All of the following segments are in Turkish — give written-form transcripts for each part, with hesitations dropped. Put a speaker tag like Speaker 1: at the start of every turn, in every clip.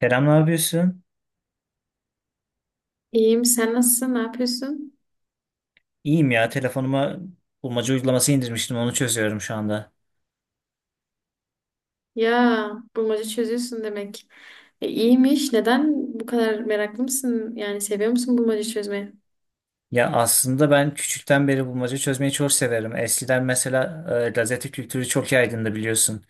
Speaker 1: Kerem ne yapıyorsun?
Speaker 2: İyiyim. Sen nasılsın? Ne yapıyorsun?
Speaker 1: İyiyim ya. Telefonuma bulmaca uygulaması indirmiştim. Onu çözüyorum şu anda.
Speaker 2: Ya bulmaca çözüyorsun demek. İyiymiş. Neden bu kadar meraklı mısın? Yani seviyor musun bulmaca çözmeyi?
Speaker 1: Ya aslında ben küçükten beri bulmaca çözmeyi çok severim. Eskiden mesela gazete kültürü çok yaygındı biliyorsun.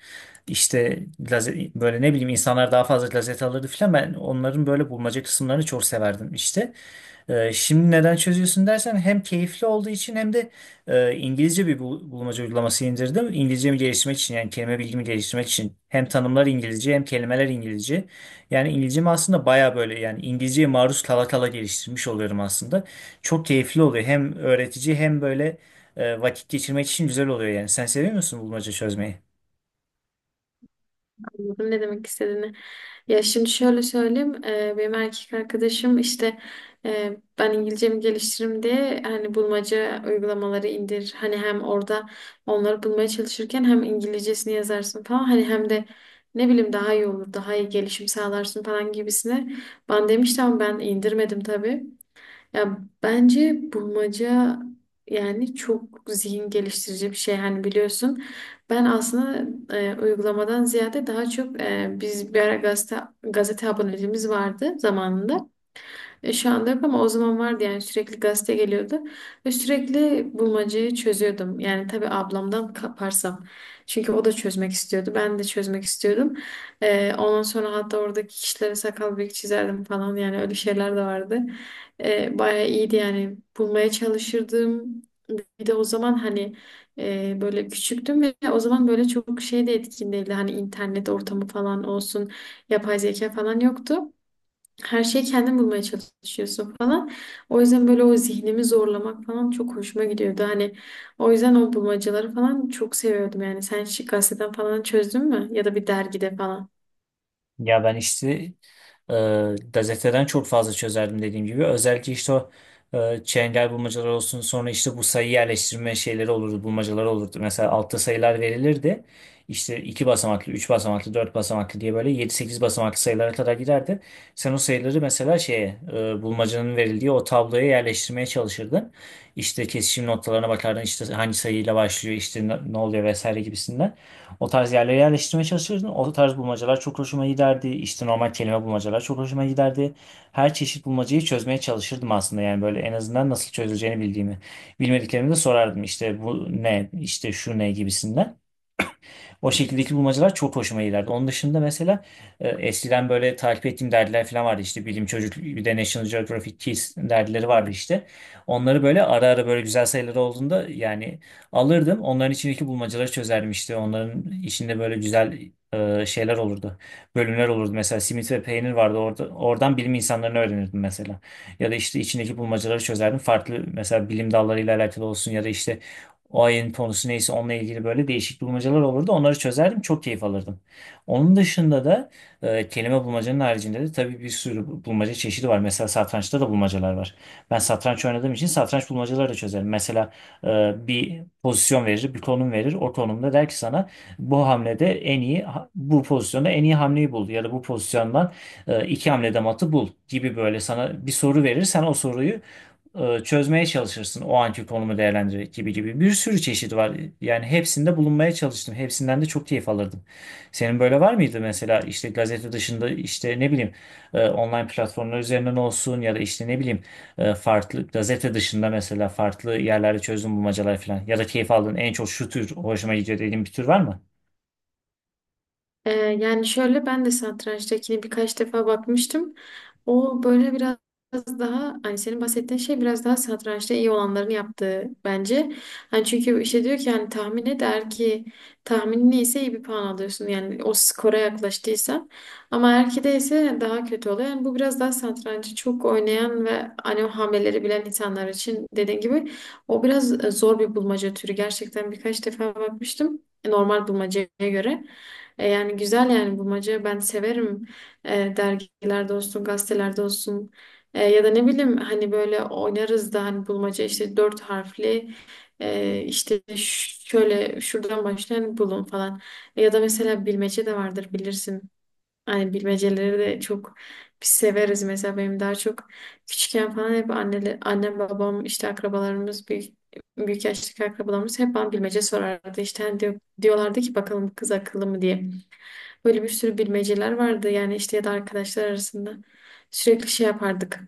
Speaker 1: İşte böyle ne bileyim insanlar daha fazla gazete alırdı filan. Ben onların böyle bulmaca kısımlarını çok severdim işte. Şimdi neden çözüyorsun dersen hem keyifli olduğu için hem de İngilizce bir bulmaca uygulaması indirdim. İngilizcemi geliştirmek için yani kelime bilgimi geliştirmek için. Hem tanımlar İngilizce hem kelimeler İngilizce. Yani İngilizcemi aslında baya böyle yani İngilizceye maruz kala kala geliştirmiş oluyorum aslında. Çok keyifli oluyor. Hem öğretici hem böyle vakit geçirmek için güzel oluyor yani. Sen seviyor musun bulmaca çözmeyi?
Speaker 2: Anladım ne demek istediğini. Ya şimdi şöyle söyleyeyim. Benim erkek arkadaşım işte ben İngilizcemi geliştiririm diye hani bulmaca uygulamaları indir. Hani hem orada onları bulmaya çalışırken hem İngilizcesini yazarsın falan. Hani hem de ne bileyim daha iyi olur. Daha iyi gelişim sağlarsın falan gibisine. Ben demiştim ama ben indirmedim tabii. Ya bence bulmaca yani çok zihin geliştirici bir şey. Hani biliyorsun ben aslında uygulamadan ziyade daha çok biz bir ara gazete aboneliğimiz vardı zamanında. Şu anda yok ama o zaman vardı yani sürekli gazete geliyordu. Ve sürekli bulmacayı çözüyordum. Yani tabii ablamdan kaparsam. Çünkü o da çözmek istiyordu. Ben de çözmek istiyordum. Ondan sonra hatta oradaki kişilere sakal bıyık çizerdim falan. Yani öyle şeyler de vardı. Bayağı iyiydi yani. Bulmaya çalışırdım. Bir de o zaman hani böyle küçüktüm ve o zaman böyle çok şey de etkin değildi. Hani internet ortamı falan olsun, yapay zeka falan yoktu. Her şeyi kendin bulmaya çalışıyorsun falan. O yüzden böyle o zihnimi zorlamak falan çok hoşuma gidiyordu. Hani o yüzden o bulmacaları falan çok seviyordum. Yani sen şık gazeteden falan çözdün mü? Ya da bir dergide falan.
Speaker 1: Ya ben işte gazeteden çok fazla çözerdim dediğim gibi. Özellikle işte o çengel bulmacalar olsun, sonra işte bu sayı yerleştirme şeyleri olurdu, bulmacalar olurdu. Mesela altta sayılar verilirdi. İşte 2 basamaklı, 3 basamaklı, 4 basamaklı diye böyle yedi, sekiz basamaklı sayılara kadar giderdi. Sen o sayıları mesela şeye bulmacanın verildiği o tabloya yerleştirmeye çalışırdın. İşte kesişim noktalarına bakardın, işte hangi sayıyla başlıyor, işte ne ne oluyor vesaire gibisinden. O tarz yerlere yerleştirmeye çalışıyordum. O tarz bulmacalar çok hoşuma giderdi. İşte normal kelime bulmacalar çok hoşuma giderdi. Her çeşit bulmacayı çözmeye çalışırdım aslında. Yani böyle en azından nasıl çözüleceğini bildiğimi. Bilmediklerimi de sorardım. İşte bu ne, işte şu ne gibisinden. O şekildeki bulmacalar çok hoşuma giderdi. Onun dışında mesela eskiden böyle takip ettiğim dergiler falan vardı işte, Bilim Çocuk, bir de National Geographic Kids dergileri vardı işte. Onları böyle ara ara böyle güzel sayıları olduğunda yani alırdım. Onların içindeki bulmacaları çözerdim işte. Onların içinde böyle güzel şeyler olurdu. Bölümler olurdu. Mesela simit ve peynir vardı. Orada, oradan bilim insanlarını öğrenirdim mesela. Ya da işte içindeki bulmacaları çözerdim. Farklı mesela bilim dallarıyla alakalı olsun, ya da işte o ayın konusu neyse onunla ilgili böyle değişik bulmacalar olurdu. Onları çözerdim. Çok keyif alırdım. Onun dışında da kelime bulmacanın haricinde de tabii bir sürü bulmaca çeşidi var. Mesela satrançta da bulmacalar var. Ben satranç oynadığım için satranç bulmacaları da çözerim. Mesela e, bir pozisyon verir, bir konum verir. O konumda der ki sana bu hamlede en iyi, bu pozisyonda en iyi hamleyi bul. Ya da bu pozisyondan iki hamlede matı bul gibi, böyle sana bir soru verir. Sen o soruyu çözmeye çalışırsın o anki konumu değerlendirerek gibi gibi. Bir sürü çeşit var. Yani hepsinde bulunmaya çalıştım. Hepsinden de çok keyif alırdım. Senin böyle var mıydı mesela, işte gazete dışında, işte ne bileyim online platformlar üzerinden olsun, ya da işte ne bileyim farklı gazete dışında mesela farklı yerlerde çözüm bulmacalar falan, ya da keyif aldığın en çok şu tür hoşuma gidiyor dediğin bir tür var mı?
Speaker 2: Ee, Yani şöyle ben de satrançtakini birkaç defa bakmıştım. O böyle biraz daha hani senin bahsettiğin şey biraz daha satrançta iyi olanların yaptığı bence. Hani çünkü işte diyor ki hani tahmin et eğer ki tahminin iyiyse iyi bir puan alıyorsun. Yani o skora yaklaştıysan. Ama eğer ki değilse daha kötü oluyor. Yani bu biraz daha satrancı çok oynayan ve hani o hamleleri bilen insanlar için dediğin gibi o biraz zor bir bulmaca türü. Gerçekten birkaç defa bakmıştım normal bulmacaya göre. Yani güzel yani bulmaca ben severim. Dergilerde olsun gazetelerde olsun. Ya da ne bileyim hani böyle oynarız da hani bulmaca işte dört harfli işte şöyle şuradan başlayan bulun falan. Ya da mesela bilmece de vardır bilirsin hani bilmeceleri de çok biz severiz mesela benim daha çok küçükken falan hep anneler, annem babam işte akrabalarımız büyük büyük yaştaki akrabalarımız hep bana bilmece sorardı işte hani diyorlardı ki bakalım bu kız akıllı mı diye. Böyle bir sürü bilmeceler vardı yani işte ya da arkadaşlar arasında. Sürekli şey yapardık.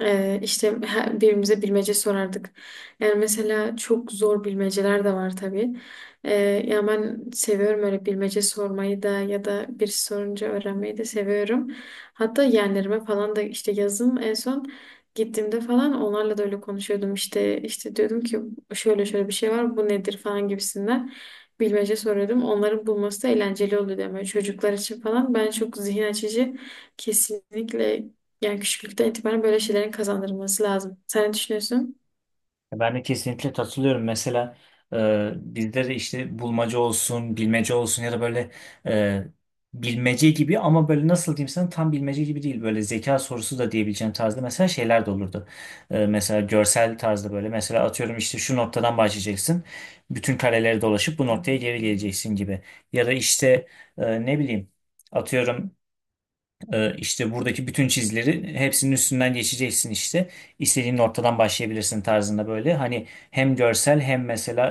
Speaker 2: İşte birbirimize bilmece sorardık. Yani mesela çok zor bilmeceler de var tabii. Ee, Ya ben seviyorum öyle bilmece sormayı da ya da bir sorunca öğrenmeyi de seviyorum. Hatta yeğenlerime falan da işte yazın en son gittiğimde falan onlarla da öyle konuşuyordum. İşte diyordum ki şöyle şöyle bir şey var bu nedir falan gibisinden bilmece soruyordum. Onların bulması da eğlenceli oluyor ama çocuklar için falan ben çok zihin açıcı, kesinlikle, yani küçüklükten itibaren böyle şeylerin kazandırılması lazım. Sen ne düşünüyorsun?
Speaker 1: Ben de kesinlikle katılıyorum. Mesela bizde de işte bulmaca olsun, bilmece olsun ya da böyle e, bilmece gibi ama böyle nasıl diyeyim sana, tam bilmece gibi değil. Böyle zeka sorusu da diyebileceğim tarzda mesela şeyler de olurdu. Mesela görsel tarzda böyle. Mesela atıyorum işte şu noktadan başlayacaksın. Bütün kareleri dolaşıp bu noktaya geri geleceksin gibi. Ya da işte e, ne bileyim atıyorum işte buradaki bütün çizileri hepsinin üstünden geçeceksin işte. İstediğin noktadan başlayabilirsin tarzında böyle. Hani hem görsel hem mesela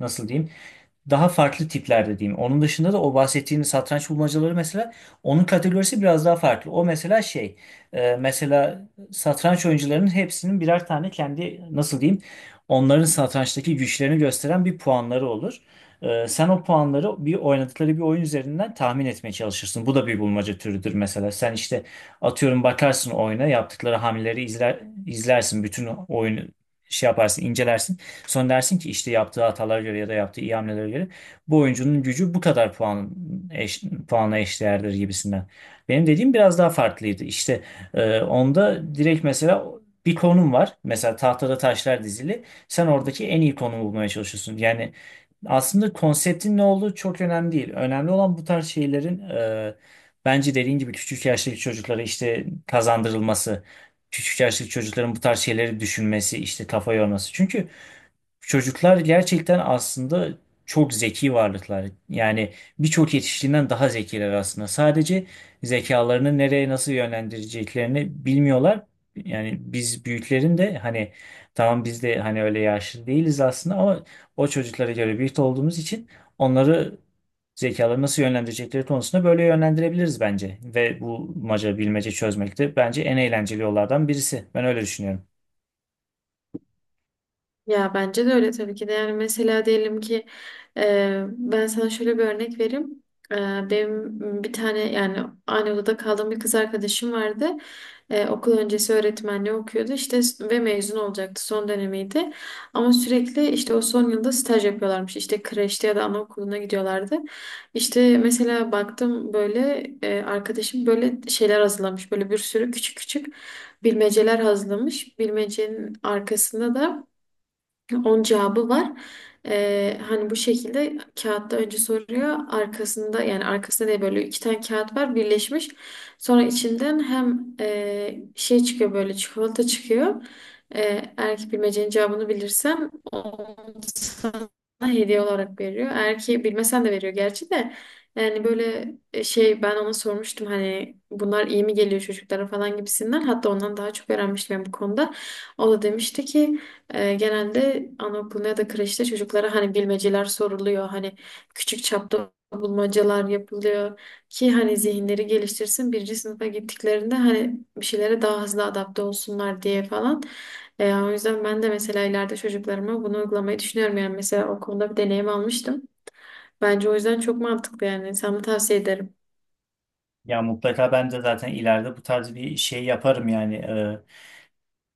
Speaker 1: nasıl diyeyim, daha farklı tiplerde diyeyim. Onun dışında da o bahsettiğin satranç bulmacaları mesela, onun kategorisi biraz daha farklı. O mesela şey, mesela satranç oyuncularının hepsinin birer tane kendi, nasıl diyeyim, onların satrançtaki güçlerini gösteren bir puanları olur. Sen o puanları bir oynadıkları bir oyun üzerinden tahmin etmeye çalışırsın. Bu da bir bulmaca türüdür mesela. Sen işte atıyorum bakarsın oyuna, yaptıkları hamleleri izlersin. Bütün oyunu şey yaparsın, incelersin. Sonra dersin ki işte yaptığı hatalara göre ya da yaptığı iyi hamlelere göre bu oyuncunun gücü bu kadar puanla eşdeğerdir gibisinden. Benim dediğim biraz daha farklıydı. İşte onda direkt mesela bir konum var. Mesela tahtada taşlar dizili. Sen oradaki en iyi konumu bulmaya çalışıyorsun. Yani aslında konseptin ne olduğu çok önemli değil. Önemli olan bu tarz şeylerin, bence dediğin gibi küçük yaştaki çocuklara işte kazandırılması, küçük yaştaki çocukların bu tarz şeyleri düşünmesi, işte kafa yorması. Çünkü çocuklar gerçekten aslında çok zeki varlıklar. Yani birçok yetişkinden daha zekiler aslında. Sadece zekalarını nereye nasıl yönlendireceklerini bilmiyorlar. Yani biz büyüklerin de hani, tamam biz de hani öyle yaşlı değiliz aslında ama o çocuklara göre büyük olduğumuz için onları, zekaları nasıl yönlendirecekleri konusunda böyle yönlendirebiliriz bence. Ve bu maca bilmece çözmek de bence en eğlenceli yollardan birisi. Ben öyle düşünüyorum.
Speaker 2: Ya bence de öyle tabii ki de. Yani mesela diyelim ki ben sana şöyle bir örnek vereyim. E, Benim bir tane yani aynı odada kaldığım bir kız arkadaşım vardı. Okul öncesi öğretmenliği okuyordu işte ve mezun olacaktı, son dönemiydi. Ama sürekli işte o son yılda staj yapıyorlarmış. İşte kreşte ya da anaokuluna gidiyorlardı. İşte mesela baktım böyle arkadaşım böyle şeyler hazırlamış. Böyle bir sürü küçük küçük bilmeceler hazırlamış. Bilmecenin arkasında da On cevabı var. Hani bu şekilde kağıtta önce soruyor. Arkasında yani arkasında diye böyle iki tane kağıt var birleşmiş. Sonra içinden hem çıkıyor, böyle çikolata çıkıyor. Eğer ki bilmecenin cevabını bilirsem onu sana hediye olarak veriyor. Eğer ki bilmesen de veriyor gerçi de. Yani böyle ben ona sormuştum hani bunlar iyi mi geliyor çocuklara falan gibisinden. Hatta ondan daha çok öğrenmiştim ben bu konuda. O da demişti ki genelde anaokuluna ya da kreşte çocuklara hani bilmeceler soruluyor. Hani küçük çapta bulmacalar yapılıyor ki hani zihinleri geliştirsin. Birinci sınıfa gittiklerinde hani bir şeylere daha hızlı adapte olsunlar diye falan. O yüzden ben de mesela ileride çocuklarıma bunu uygulamayı düşünüyorum. Yani mesela okulda bir deneyim almıştım. Bence o yüzden çok mantıklı yani. Sana tavsiye ederim.
Speaker 1: Ya mutlaka ben de zaten ileride bu tarz bir şey yaparım yani.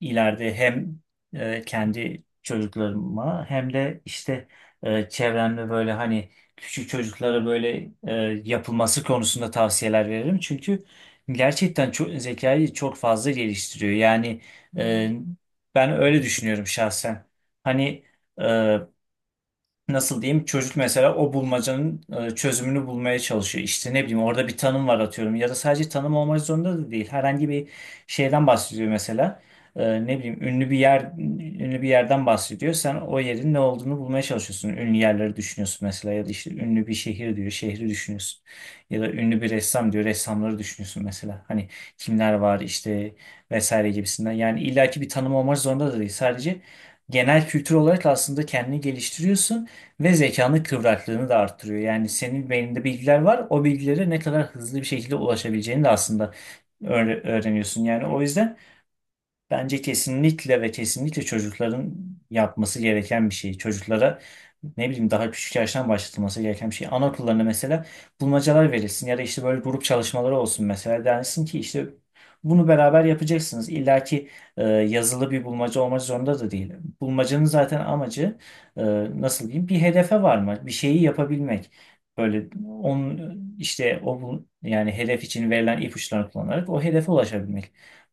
Speaker 1: İleride hem kendi çocuklarıma hem de işte çevremde böyle hani küçük çocuklara böyle yapılması konusunda tavsiyeler veririm. Çünkü gerçekten çok, zekayı çok fazla geliştiriyor. Yani e, ben öyle düşünüyorum şahsen. Hani, e, nasıl diyeyim, çocuk mesela o bulmacanın çözümünü bulmaya çalışıyor. İşte ne bileyim orada bir tanım var atıyorum, ya da sadece tanım olmak zorunda da değil. Herhangi bir şeyden bahsediyor mesela. Ne bileyim, ünlü bir yerden bahsediyor. Sen o yerin ne olduğunu bulmaya çalışıyorsun. Ünlü yerleri düşünüyorsun mesela, ya da işte ünlü bir şehir diyor, şehri düşünüyorsun. Ya da ünlü bir ressam diyor, ressamları düşünüyorsun mesela. Hani kimler var işte vesaire gibisinden. Yani illaki bir tanım olmak zorunda da değil. Sadece genel kültür olarak aslında kendini geliştiriyorsun. Ve zekanın kıvraklığını da arttırıyor. Yani senin beyninde bilgiler var. O bilgilere ne kadar hızlı bir şekilde ulaşabileceğini de aslında öğreniyorsun. Yani o yüzden bence kesinlikle ve kesinlikle çocukların yapması gereken bir şey. Çocuklara ne bileyim daha küçük yaştan başlatılması gereken bir şey. Anaokullarına mesela bulmacalar verilsin, ya da işte böyle grup çalışmaları olsun mesela. Densin ki işte bunu beraber yapacaksınız. İlla ki yazılı bir bulmaca olmak zorunda da değil. Bulmacanın zaten amacı e, nasıl diyeyim, bir hedefe varmak, bir şeyi yapabilmek. Böyle onun işte yani hedef için verilen ipuçlarını kullanarak o hedefe ulaşabilmek,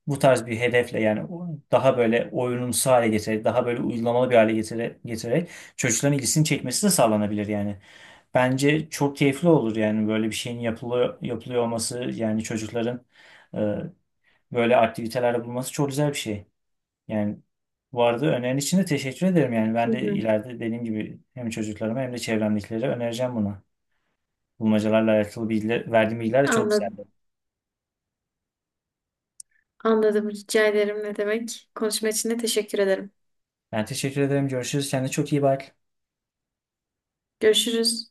Speaker 1: bu tarz bir hedefle, yani daha böyle oyunumsu hale getirerek, daha böyle uygulamalı bir hale getirerek çocukların ilgisini çekmesi de sağlanabilir yani. Bence çok keyifli olur yani, böyle bir şeyin yapılıyor olması, yani çocukların e, böyle aktivitelerde bulunması çok güzel bir şey. Yani bu arada önerin için de teşekkür ederim, yani
Speaker 2: Hı
Speaker 1: ben de
Speaker 2: hı.
Speaker 1: ileride dediğim gibi hem çocuklarıma hem de çevremdekilere önereceğim bunu. Bulmacalarla alakalı bilgiler, verdiğim bilgiler de çok
Speaker 2: Anladım.
Speaker 1: güzeldi.
Speaker 2: Anladım. Rica ederim. Ne demek? Konuşma için de teşekkür ederim.
Speaker 1: Ben teşekkür ederim. Görüşürüz. Kendine çok iyi bak.
Speaker 2: Görüşürüz.